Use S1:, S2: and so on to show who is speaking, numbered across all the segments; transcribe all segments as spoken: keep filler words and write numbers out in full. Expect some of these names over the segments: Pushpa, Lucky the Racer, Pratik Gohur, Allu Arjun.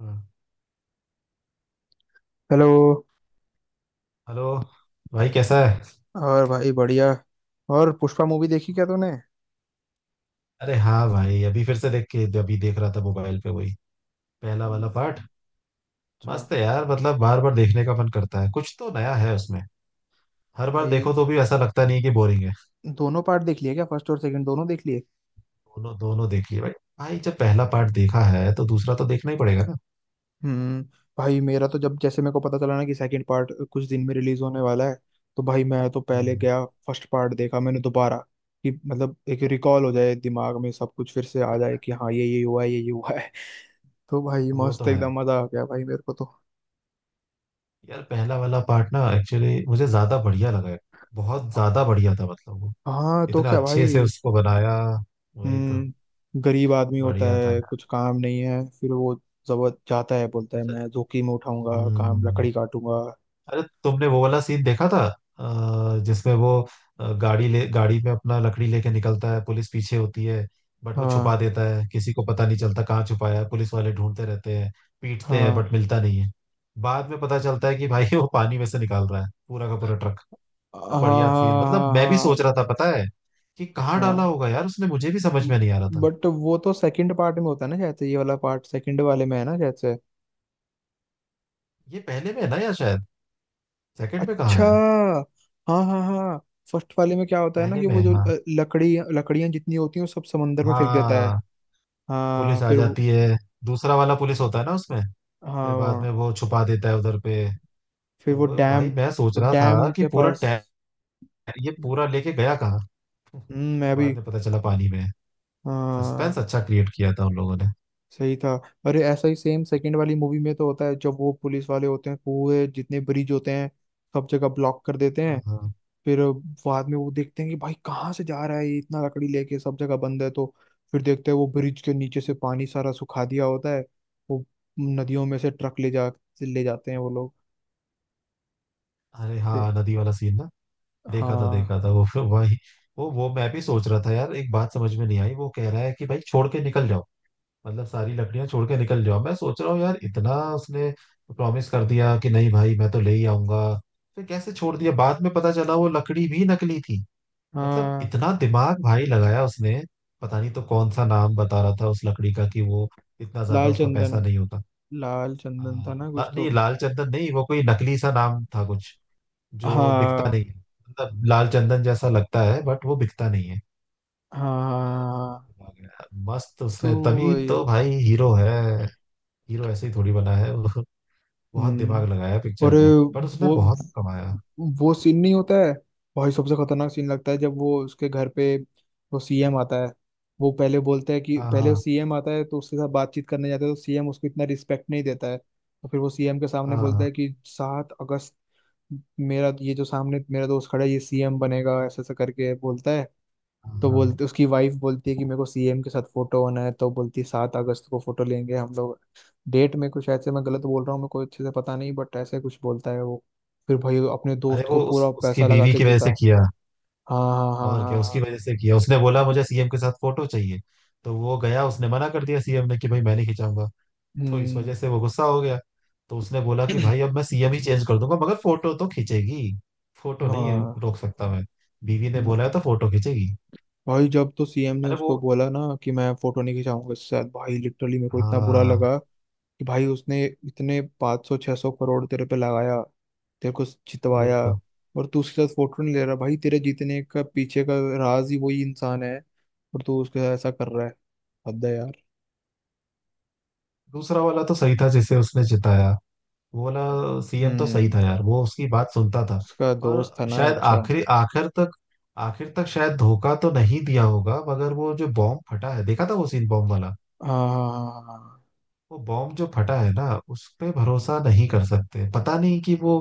S1: हाँ।
S2: Hello.
S1: Hello. भाई कैसा है?
S2: और भाई बढ़िया। और पुष्पा मूवी देखी क्या तूने।
S1: अरे हाँ भाई, अभी फिर से देख के, अभी देख रहा था मोबाइल पे, वही पहला वाला पार्ट।
S2: हम्म, अच्छा।
S1: मस्त है यार, मतलब बार बार देखने का मन करता है, कुछ तो नया है उसमें। हर बार
S2: भाई
S1: देखो तो भी ऐसा लगता नहीं है कि बोरिंग है।
S2: दोनों पार्ट देख लिए क्या, फर्स्ट और सेकंड दोनों देख लिए।
S1: दोनों दोनों देखिए भाई। भाई जब पहला पार्ट देखा है तो दूसरा तो देखना ही पड़ेगा ना।
S2: हम्म। भाई मेरा तो जब जैसे मेरे को पता चला ना कि सेकंड पार्ट कुछ दिन में रिलीज होने वाला है, तो भाई मैं तो पहले
S1: हम्म।
S2: गया, फर्स्ट पार्ट देखा मैंने दोबारा, कि मतलब एक रिकॉल हो जाए, दिमाग में सब कुछ फिर से आ जाए कि हाँ ये ये हुआ है, ये ये हुआ है। तो भाई
S1: वो तो
S2: मस्त,
S1: है।
S2: एकदम मजा आ गया भाई मेरे को तो।
S1: यार पहला वाला पार्ट ना एक्चुअली मुझे ज्यादा बढ़िया लगा है। बहुत ज्यादा बढ़िया था, मतलब वो
S2: हाँ तो
S1: इतना
S2: क्या
S1: अच्छे से
S2: भाई।
S1: उसको बनाया। वही तो।
S2: हम्म गरीब आदमी होता
S1: बढ़िया था
S2: है,
S1: यार।
S2: कुछ काम नहीं है, फिर वो जबर जाता है, बोलता है
S1: अच्छा,
S2: मैं जोखिम उठाऊंगा, काम
S1: हम्म।
S2: लकड़ी काटूंगा।
S1: अरे तुमने वो वाला सीन देखा था, अ, जिसमें वो अ, गाड़ी ले, गाड़ी में अपना लकड़ी लेके निकलता है, पुलिस पीछे होती है। बट वो
S2: हाँ
S1: छुपा देता है, किसी को पता नहीं चलता कहाँ छुपाया है। पुलिस वाले ढूंढते रहते हैं, पीटते हैं
S2: हाँ
S1: बट मिलता नहीं है। बाद में पता चलता है कि भाई वो पानी में से निकाल रहा है पूरा का पूरा ट्रक। तो
S2: हाँ हाँ।
S1: बढ़िया सीन, मतलब
S2: हाँ
S1: मैं भी
S2: हाँ
S1: सोच रहा था, पता है, कि कहाँ डाला
S2: हाँ।
S1: होगा यार उसने, मुझे भी समझ में नहीं आ रहा था।
S2: बट वो तो सेकंड पार्ट में होता है ना शायद से, ये वाला पार्ट सेकंड वाले में है ना शायद से।
S1: ये पहले में है ना, या शायद सेकंड में? कहाँ
S2: अच्छा।
S1: है?
S2: हाँ हाँ हाँ। फर्स्ट वाले में क्या होता है ना
S1: पहले
S2: कि
S1: में
S2: वो
S1: है,
S2: जो
S1: हाँ।
S2: अ, लकड़ी लकड़ियां जितनी होती हैं वो सब समंदर में फेंक देता है।
S1: हाँ,
S2: हाँ
S1: पुलिस आ
S2: फिर वो-
S1: जाती है। दूसरा वाला पुलिस होता है ना उसमें। फिर बाद
S2: हाँ
S1: में वो छुपा देता है उधर पे।
S2: फिर
S1: तो
S2: वो
S1: वो भाई
S2: डैम,
S1: मैं सोच रहा था
S2: डैम
S1: कि
S2: के
S1: पूरा
S2: पास।
S1: टै, ये पूरा लेके गया कहाँ?
S2: हम्म, मैं भी।
S1: बाद में पता चला, पानी में। सस्पेंस
S2: हाँ
S1: अच्छा क्रिएट किया था उन लोगों ने।
S2: सही था। अरे ऐसा ही सेम सेकंड वाली मूवी में तो होता है, जब वो पुलिस वाले होते हैं पूरे जितने ब्रिज होते हैं सब जगह ब्लॉक कर देते हैं।
S1: हाँ हाँ।
S2: फिर बाद में वो देखते हैं कि भाई कहाँ से जा रहा है ये इतना लकड़ी लेके, सब जगह बंद है तो। फिर देखते हैं वो ब्रिज के नीचे से पानी सारा सुखा दिया होता है, वो नदियों में से ट्रक ले जा ले जाते हैं वो लोग।
S1: अरे
S2: ते-
S1: हाँ, नदी वाला सीन ना, देखा था
S2: हाँ
S1: देखा था वो फिर वही। वो वो मैं भी सोच रहा था यार, एक बात समझ में नहीं आई, वो कह रहा है कि भाई छोड़ के निकल जाओ, मतलब सारी लकड़ियां छोड़ के निकल जाओ। मैं सोच रहा हूँ यार, इतना उसने प्रॉमिस कर दिया कि नहीं भाई मैं तो ले ही आऊंगा, फिर कैसे छोड़ दिया? बाद में पता चला वो लकड़ी भी नकली थी। मतलब
S2: हाँ।
S1: इतना दिमाग भाई लगाया उसने। पता नहीं तो कौन सा नाम बता रहा था उस लकड़ी का, कि वो इतना ज्यादा
S2: लाल
S1: उसका
S2: चंदन,
S1: पैसा नहीं होता।
S2: लाल चंदन था
S1: हाँ,
S2: ना
S1: ला,
S2: कुछ
S1: नहीं
S2: तो।
S1: लाल चंदन नहीं, वो कोई नकली सा नाम था कुछ, जो बिकता नहीं
S2: हाँ
S1: है। मतलब लाल चंदन जैसा लगता है बट वो बिकता नहीं है।
S2: हाँ,
S1: अ,
S2: हाँ,
S1: बहुत
S2: हाँ,
S1: दिमाग है। मस्त,
S2: तो
S1: उसने तभी
S2: वही।
S1: तो भाई हीरो है। हीरो ऐसे ही थोड़ी बना है वो। बहुत
S2: हम्म
S1: दिमाग लगाया
S2: और
S1: पिक्चर में, पर उसने
S2: वो
S1: बहुत कमाया।
S2: वो सीन नहीं होता है भाई, सबसे खतरनाक सीन लगता है जब वो उसके घर पे वो सीएम आता है। वो पहले बोलता है कि
S1: हाँ
S2: पहले वो
S1: हाँ
S2: सीएम आता है तो उसके साथ बातचीत करने जाता है, तो सीएम उसको इतना रिस्पेक्ट नहीं देता है, तो फिर वो सीएम के सामने बोलता
S1: हाँ
S2: है कि सात अगस्त, मेरा ये जो सामने मेरा दोस्त खड़ा है ये सीएम बनेगा, ऐसा ऐसा करके बोलता है।
S1: हाँ
S2: तो
S1: हाँ।
S2: बोलते उसकी वाइफ बोलती है कि मेरे को सीएम के साथ फोटो होना है, तो बोलती है सात अगस्त को फोटो लेंगे हम लोग। डेट में कुछ ऐसे मैं गलत बोल रहा हूँ, मेरे को अच्छे से पता नहीं, बट ऐसे कुछ बोलता है वो। फिर भाई अपने
S1: अरे
S2: दोस्त को
S1: वो
S2: पूरा
S1: उस, उसकी
S2: पैसा लगा
S1: बीवी
S2: के
S1: की वजह से
S2: जीता।
S1: किया।
S2: हाँ हाँ हाँ
S1: और
S2: हाँ
S1: क्या, उसकी
S2: हाँ।
S1: वजह से किया, उसने बोला मुझे सी एम के साथ फोटो चाहिए। तो वो गया, उसने मना कर दिया सी एम ने कि भाई मैं नहीं खिंचाऊंगा। तो इस
S2: हम्म।
S1: वजह से वो गुस्सा हो गया। तो उसने बोला कि भाई अब मैं सी एम ही चेंज कर दूंगा, मगर फोटो तो खींचेगी। फोटो नहीं
S2: हाँ।
S1: रोक सकता मैं। बीवी ने बोला है तो फोटो खींचेगी।
S2: भाई जब तो सीएम ने
S1: अरे वो,
S2: उसको बोला ना कि मैं फोटो नहीं खिंचाऊंगा, इससे भाई लिटरली मेरे को इतना बुरा
S1: हाँ,
S2: लगा कि भाई उसने इतने 500 सौ छह सौ करोड़ तेरे पे लगाया, तेरे को
S1: वही
S2: जितवाया,
S1: तो।
S2: और तू उसके साथ फोटो नहीं ले रहा। भाई तेरे जीतने का पीछे का राज ही वही इंसान है, और तू उसके साथ ऐसा कर रहा है। हद है यार।
S1: दूसरा वाला तो सही था, जिसे उसने जिताया। वो वाला सी एम तो सही
S2: हम्म,
S1: था यार, वो उसकी बात सुनता था।
S2: उसका दोस्त
S1: और
S2: था ना,
S1: शायद
S2: अच्छा।
S1: आखिरी, आखिर तक, आखिर तक शायद धोखा तो नहीं दिया होगा, मगर वो जो बॉम्ब फटा है, देखा था वो सीन, बॉम्ब वाला।
S2: हाँ हाँ हाँ हाँ। हाँ, हाँ।
S1: वो बॉम्ब जो फटा है ना, उस पे भरोसा नहीं कर सकते। पता नहीं कि वो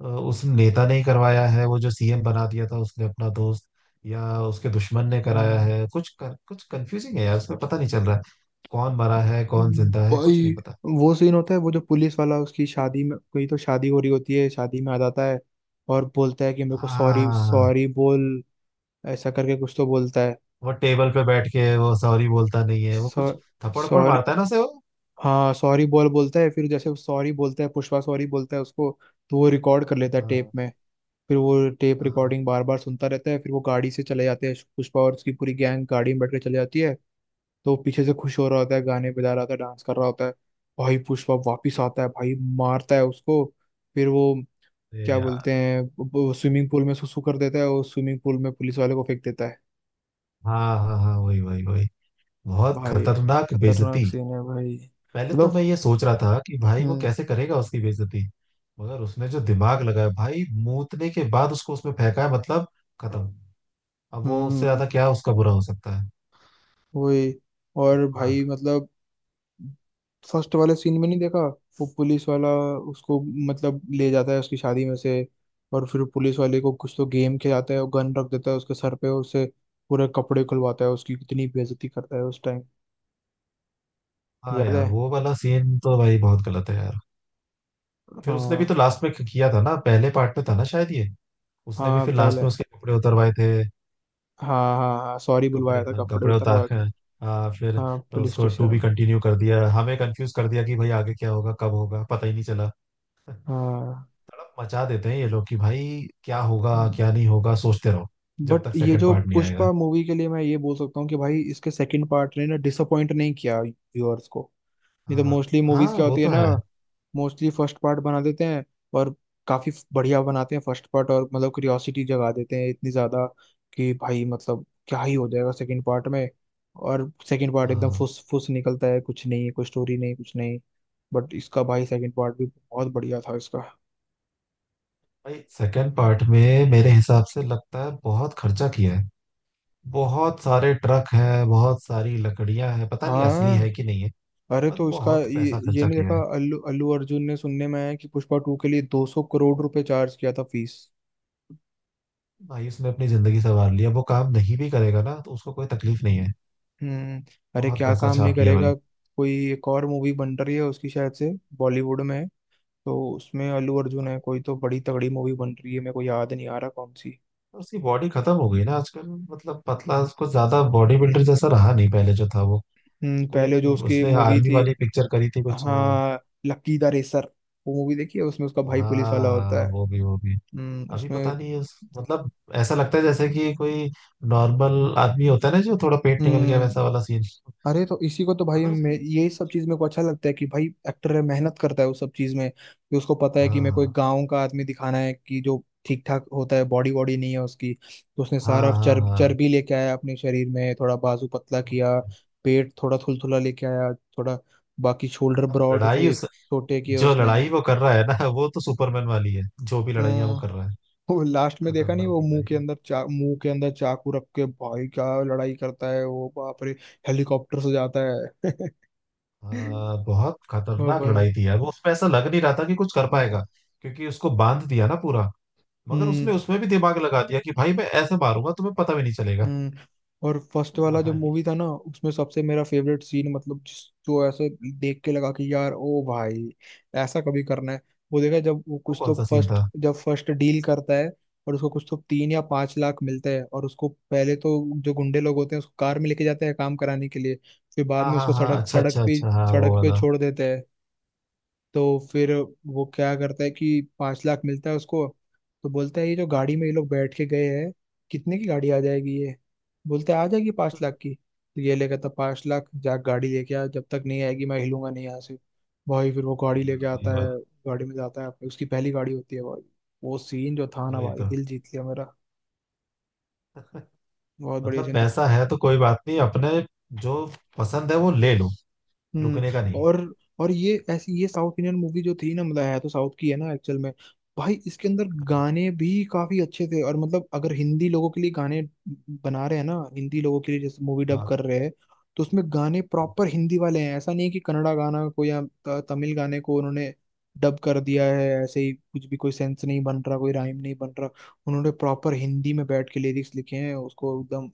S1: अ, उस नेता ने ही करवाया है, वो जो सी एम बना दिया था उसने अपना दोस्त, या उसके दुश्मन ने कराया है। कुछ कर, कुछ कंफ्यूजिंग है यार उसमें, पता नहीं चल रहा है कौन मरा है, कौन
S2: हम्म,
S1: जिंदा है, कुछ
S2: भाई
S1: नहीं पता।
S2: वो सीन होता है, वो जो पुलिस वाला उसकी शादी में, कोई तो शादी हो रही होती है, शादी में आ जाता है और बोलता है कि मेरे को
S1: हाँ, हाँ,
S2: सॉरी
S1: हाँ, हाँ।
S2: सॉरी बोल, ऐसा करके कुछ तो बोलता है।
S1: वो टेबल पे बैठ के वो सॉरी बोलता नहीं है, वो
S2: सॉ
S1: कुछ थप्पड़ थप्पड़
S2: सॉरी,
S1: मारता है ना उसे वो।
S2: हाँ सॉरी बॉल बोलता है, फिर जैसे सॉरी बोलता है, पुष्पा सॉरी बोलता है उसको, तो वो रिकॉर्ड कर लेता है टेप
S1: हाँ
S2: में। फिर वो टेप
S1: हाँ।
S2: रिकॉर्डिंग बार बार सुनता रहता है, फिर वो गाड़ी से चले जाते हैं, पुष्पा और उसकी पूरी गैंग गाड़ी में बैठ के चले जाती है। तो वो पीछे से खुश हो रहा होता है, गाने बजा रहा होता है, डांस कर रहा होता है। भाई पुष्पा वापिस आता है, भाई मारता है उसको। फिर वो
S1: अरे
S2: क्या
S1: यार।
S2: बोलते हैं, स्विमिंग पूल में सुसु कर देता है और स्विमिंग पूल में पुलिस वाले को फेंक देता है।
S1: हाँ हाँ हाँ, वही वही वही। बहुत
S2: भाई
S1: खतरनाक
S2: खतरनाक
S1: बेइज्जती।
S2: सीन है भाई,
S1: पहले तो
S2: मतलब।
S1: मैं ये सोच रहा था कि भाई वो
S2: हम्म।
S1: कैसे करेगा उसकी बेइज्जती, मगर उसने जो दिमाग लगाया भाई, मूतने के बाद उसको उसमें फेंका है, मतलब खत्म। अब वो उससे
S2: हम्म
S1: ज्यादा क्या उसका बुरा हो सकता है?
S2: वही। और
S1: हाँ
S2: भाई मतलब फर्स्ट वाले सीन में नहीं देखा, वो पुलिस वाला, उसको मतलब ले जाता है उसकी शादी में से, और फिर पुलिस वाले को कुछ तो गेम खिलाता है और गन रख देता है उसके सर पे, और उससे पूरे कपड़े खुलवाता है, उसकी कितनी बेइज्जती करता है उस टाइम,
S1: हाँ
S2: याद है।
S1: यार, वो वाला सीन तो भाई बहुत गलत है यार। फिर उसने भी
S2: हाँ
S1: तो लास्ट में किया था ना, पहले पार्ट में था ना शायद ये। उसने भी
S2: हाँ
S1: फिर लास्ट
S2: पहले,
S1: में उसके कपड़े उतरवाए थे।
S2: हाँ हाँ हाँ, सॉरी
S1: कपड़े,
S2: बुलवाया था
S1: हाँ,
S2: कपड़े
S1: कपड़े उतार
S2: उतरवा
S1: के।
S2: के।
S1: हाँ फिर
S2: हाँ पुलिस
S1: उसको
S2: स्टेशन
S1: टू भी
S2: में।
S1: कंटिन्यू कर दिया, हमें कंफ्यूज कर दिया कि भाई आगे क्या होगा, कब होगा, पता ही नहीं चला।
S2: हाँ
S1: तड़प मचा देते हैं ये लोग कि भाई क्या होगा क्या नहीं होगा, सोचते रहो,
S2: बट
S1: जब तक
S2: ये
S1: सेकंड
S2: जो
S1: पार्ट नहीं आएगा।
S2: पुष्पा मूवी के लिए मैं ये बोल सकता हूँ कि भाई इसके सेकंड पार्ट ने ना डिसअपॉइंट नहीं किया व्यूअर्स को। ये तो
S1: हाँ।
S2: मोस्टली
S1: हाँ
S2: मूवीज क्या
S1: वो
S2: होती है
S1: तो
S2: ना,
S1: है।
S2: मोस्टली फर्स्ट पार्ट बना देते हैं और काफी बढ़िया बनाते हैं फर्स्ट पार्ट, और मतलब क्यूरियोसिटी जगा देते हैं इतनी ज्यादा कि भाई मतलब क्या ही हो जाएगा सेकंड पार्ट में। और सेकंड पार्ट एकदम
S1: हाँ
S2: फुस फुस निकलता है, कुछ नहीं है, कोई स्टोरी नहीं, कुछ नहीं। बट इसका भाई सेकंड पार्ट भी बहुत बढ़िया था इसका।
S1: भाई, सेकंड पार्ट में मेरे हिसाब से लगता है बहुत खर्चा किया है। बहुत सारे ट्रक हैं, बहुत सारी लकड़ियां हैं, पता नहीं असली है
S2: हाँ
S1: कि नहीं है।
S2: अरे
S1: बस
S2: तो इसका
S1: बहुत
S2: ये
S1: पैसा
S2: ये
S1: खर्चा
S2: नहीं
S1: किया
S2: देखा,
S1: है।
S2: अल्लू अल्लू अर्जुन ने सुनने में आया है कि पुष्पा टू के लिए दो सौ करोड़ रुपए चार्ज किया था फीस।
S1: भाई उसने अपनी जिंदगी संवार लिया, वो काम नहीं भी करेगा ना तो उसको कोई तकलीफ नहीं है।
S2: हम्म अरे
S1: बहुत
S2: क्या
S1: पैसा
S2: काम नहीं
S1: छाप लिया
S2: करेगा।
S1: भाई।
S2: कोई एक और मूवी बन रही है उसकी शायद से, बॉलीवुड में है, तो उसमें अल्लू अर्जुन है, कोई तो बड़ी तगड़ी मूवी बन रही है, मेरे को याद नहीं आ रहा कौन सी।
S1: और उसकी बॉडी खत्म हो गई ना आजकल। मतलब पतला, उसको ज्यादा बॉडी बिल्डर जैसा रहा नहीं, पहले जो था वो।
S2: हम्म
S1: कोई
S2: पहले
S1: एक
S2: जो उसकी
S1: उसने
S2: मूवी
S1: आर्मी
S2: थी,
S1: वाली पिक्चर करी थी कुछ, हाँ।
S2: हाँ, लक्की द रेसर, वो मूवी देखी है, उसमें उसका भाई पुलिस वाला
S1: हाँ,
S2: होता है।
S1: वो भी वो भी।
S2: हम्म
S1: अभी पता
S2: उसमें।
S1: नहीं है उस, मतलब, ऐसा लगता है जैसे कि कोई नॉर्मल आदमी होता है ना, जो थोड़ा पेट निकल गया,
S2: हम्म
S1: वैसा वाला सीन।
S2: अरे तो इसी को तो भाई,
S1: मगर
S2: मैं
S1: उसकी,
S2: यही सब चीज मेरे को अच्छा लगता है कि भाई एक्टर है, मेहनत करता है उस सब चीज में, कि उसको पता है कि मेरे को एक
S1: हाँ
S2: गाँव का आदमी दिखाना है कि जो ठीक ठाक होता है, बॉडी वॉडी नहीं है उसकी, तो उसने
S1: हाँ
S2: सारा
S1: हाँ
S2: चर्बी
S1: हाँ,
S2: चर्बी लेके आया अपने शरीर में, थोड़ा बाजू पतला किया, पेट थोड़ा थुलथुला लेके आया थोड़ा, बाकी शोल्डर ब्रॉड
S1: लड़ाई
S2: थे
S1: उस,
S2: छोटे किए
S1: जो
S2: उसने।
S1: लड़ाई वो कर रहा है ना, वो तो सुपरमैन वाली है। जो भी लड़ाइयाँ वो
S2: हम्म
S1: कर रहा है।
S2: वो लास्ट में देखा नहीं,
S1: खतरनाक
S2: वो मुंह
S1: लड़ाई।
S2: के अंदर चा मुंह के अंदर चाकू रख के भाई क्या लड़ाई करता है वो, बाप रे, हेलीकॉप्टर से जाता है।
S1: आ, बहुत
S2: हाँ
S1: खतरनाक
S2: भाई।
S1: लड़ाई थी यार वो, उसमें ऐसा लग नहीं रहा था कि कुछ कर
S2: हम्म।
S1: पाएगा। क्योंकि उसको बांध दिया ना पूरा, मगर
S2: हम्म।
S1: उसने उसमें भी दिमाग लगा दिया कि भाई मैं ऐसे मारूंगा तुम्हें पता भी नहीं चलेगा।
S2: हम्म। और फर्स्ट वाला जो
S1: भाई
S2: मूवी था ना, उसमें सबसे मेरा फेवरेट सीन मतलब जिस, जो ऐसे देख के लगा कि यार ओ भाई ऐसा कभी करना है, वो देखा जब वो
S1: वो
S2: कुछ तो
S1: कौन सा सीन
S2: फर्स्ट
S1: था?
S2: जब फर्स्ट डील करता है और उसको कुछ तो तीन या पांच लाख मिलते हैं, और उसको पहले तो जो गुंडे लोग होते हैं उसको कार में लेके जाते हैं काम कराने के लिए, फिर बाद
S1: हाँ
S2: में
S1: हाँ
S2: उसको
S1: हाँ,
S2: सड़क
S1: अच्छा
S2: सड़क
S1: अच्छा
S2: पे
S1: अच्छा, हाँ वो
S2: सड़क पे
S1: वाला।
S2: छोड़ देते हैं। तो फिर वो क्या करता है कि पाँच लाख मिलता है उसको, तो बोलता है ये जो गाड़ी में ये लोग बैठ के गए हैं कितने की गाड़ी आ जाएगी ये, बोलते हैं आ जाएगी पाँच लाख की, तो ये लेकर था पाँच लाख, जा गाड़ी लेके आ, जब तक नहीं आएगी मैं हिलूंगा नहीं यहाँ से। भाई फिर वो गाड़ी लेके
S1: हाँ, वही
S2: आता है,
S1: वाला।
S2: गाड़ी में जाता है, उसकी पहली गाड़ी होती है भाई। वो सीन जो था ना
S1: वही
S2: भाई,
S1: तो।
S2: दिल जीत लिया मेरा, बहुत बढ़िया
S1: मतलब
S2: सीन था।
S1: पैसा है तो कोई बात नहीं, अपने जो पसंद है वो ले लो।
S2: हम्म।
S1: रुकने का नहीं।
S2: और और ये ऐसी ये साउथ इंडियन मूवी जो थी ना, मतलब है तो साउथ की है ना एक्चुअल में, भाई इसके अंदर गाने भी काफी अच्छे थे, और मतलब अगर हिंदी लोगों के लिए गाने बना रहे हैं ना, हिंदी लोगों के लिए जैसे मूवी डब
S1: हाँ
S2: कर रहे हैं, तो उसमें गाने प्रॉपर हिंदी वाले हैं। ऐसा नहीं है कि कन्नड़ा गाना को या त- तमिल गाने को उन्होंने डब कर दिया है ऐसे ही कुछ भी, कोई सेंस नहीं बन रहा, कोई राइम नहीं बन रहा। उन्होंने प्रॉपर हिंदी में बैठ के लिरिक्स लिखे हैं, उसको एकदम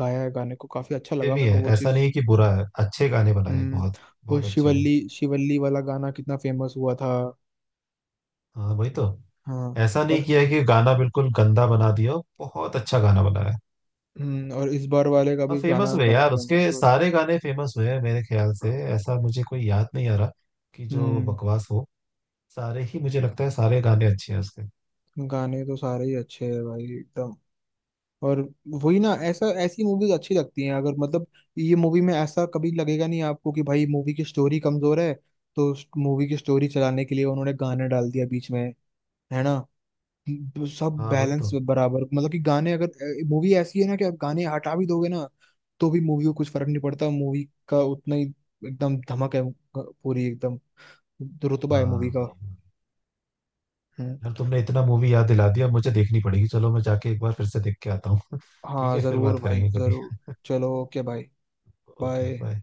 S2: गाया है गाने को, काफी अच्छा
S1: ये
S2: लगा
S1: भी
S2: मेरे को
S1: है,
S2: वो
S1: ऐसा
S2: चीज।
S1: नहीं कि बुरा है, अच्छे गाने बनाए
S2: हम्म
S1: बहुत।
S2: वो
S1: बहुत अच्छे हैं।
S2: शिवल्ली शिवल्ली वाला गाना कितना फेमस हुआ था।
S1: हाँ वही तो।
S2: हाँ।
S1: ऐसा नहीं
S2: और
S1: किया है कि गाना बिल्कुल गंदा बना दिया हो, बहुत अच्छा गाना बनाया है।
S2: हम्म और इस बार वाले का
S1: और
S2: भी
S1: फेमस
S2: गाना
S1: हुए
S2: काफी
S1: यार,
S2: फेमस
S1: उसके
S2: हुआ।
S1: सारे गाने फेमस हुए हैं मेरे ख्याल से, ऐसा मुझे कोई याद नहीं आ रहा कि जो
S2: हम्म
S1: बकवास हो। सारे ही, मुझे लगता है सारे गाने अच्छे हैं उसके।
S2: गाने तो सारे ही अच्छे हैं भाई एकदम। और वही ना, ऐसा ऐसी मूवीज अच्छी लगती हैं अगर मतलब, ये मूवी में ऐसा कभी लगेगा नहीं आपको कि भाई मूवी की स्टोरी कमजोर है तो मूवी की स्टोरी चलाने के लिए उन्होंने गाना डाल दिया बीच में, है ना, सब
S1: हाँ वही
S2: बैलेंस
S1: तो।
S2: बराबर, मतलब कि गाने, अगर मूवी ऐसी है ना कि आप गाने हटा भी दोगे ना तो भी मूवी को कुछ फर्क नहीं पड़ता, मूवी का उतना ही एकदम धमक है पूरी, एकदम रुतबा है मूवी
S1: हाँ
S2: का।
S1: भाई।
S2: हम्म।
S1: यार तुमने इतना मूवी याद दिला दिया, मुझे देखनी पड़ेगी, चलो मैं जाके एक बार फिर से देख के आता हूँ ठीक
S2: हाँ
S1: है, फिर
S2: जरूर
S1: बात
S2: भाई
S1: करेंगे कभी।
S2: जरूर। चलो ओके भाई।
S1: Okay
S2: bye.
S1: बाय।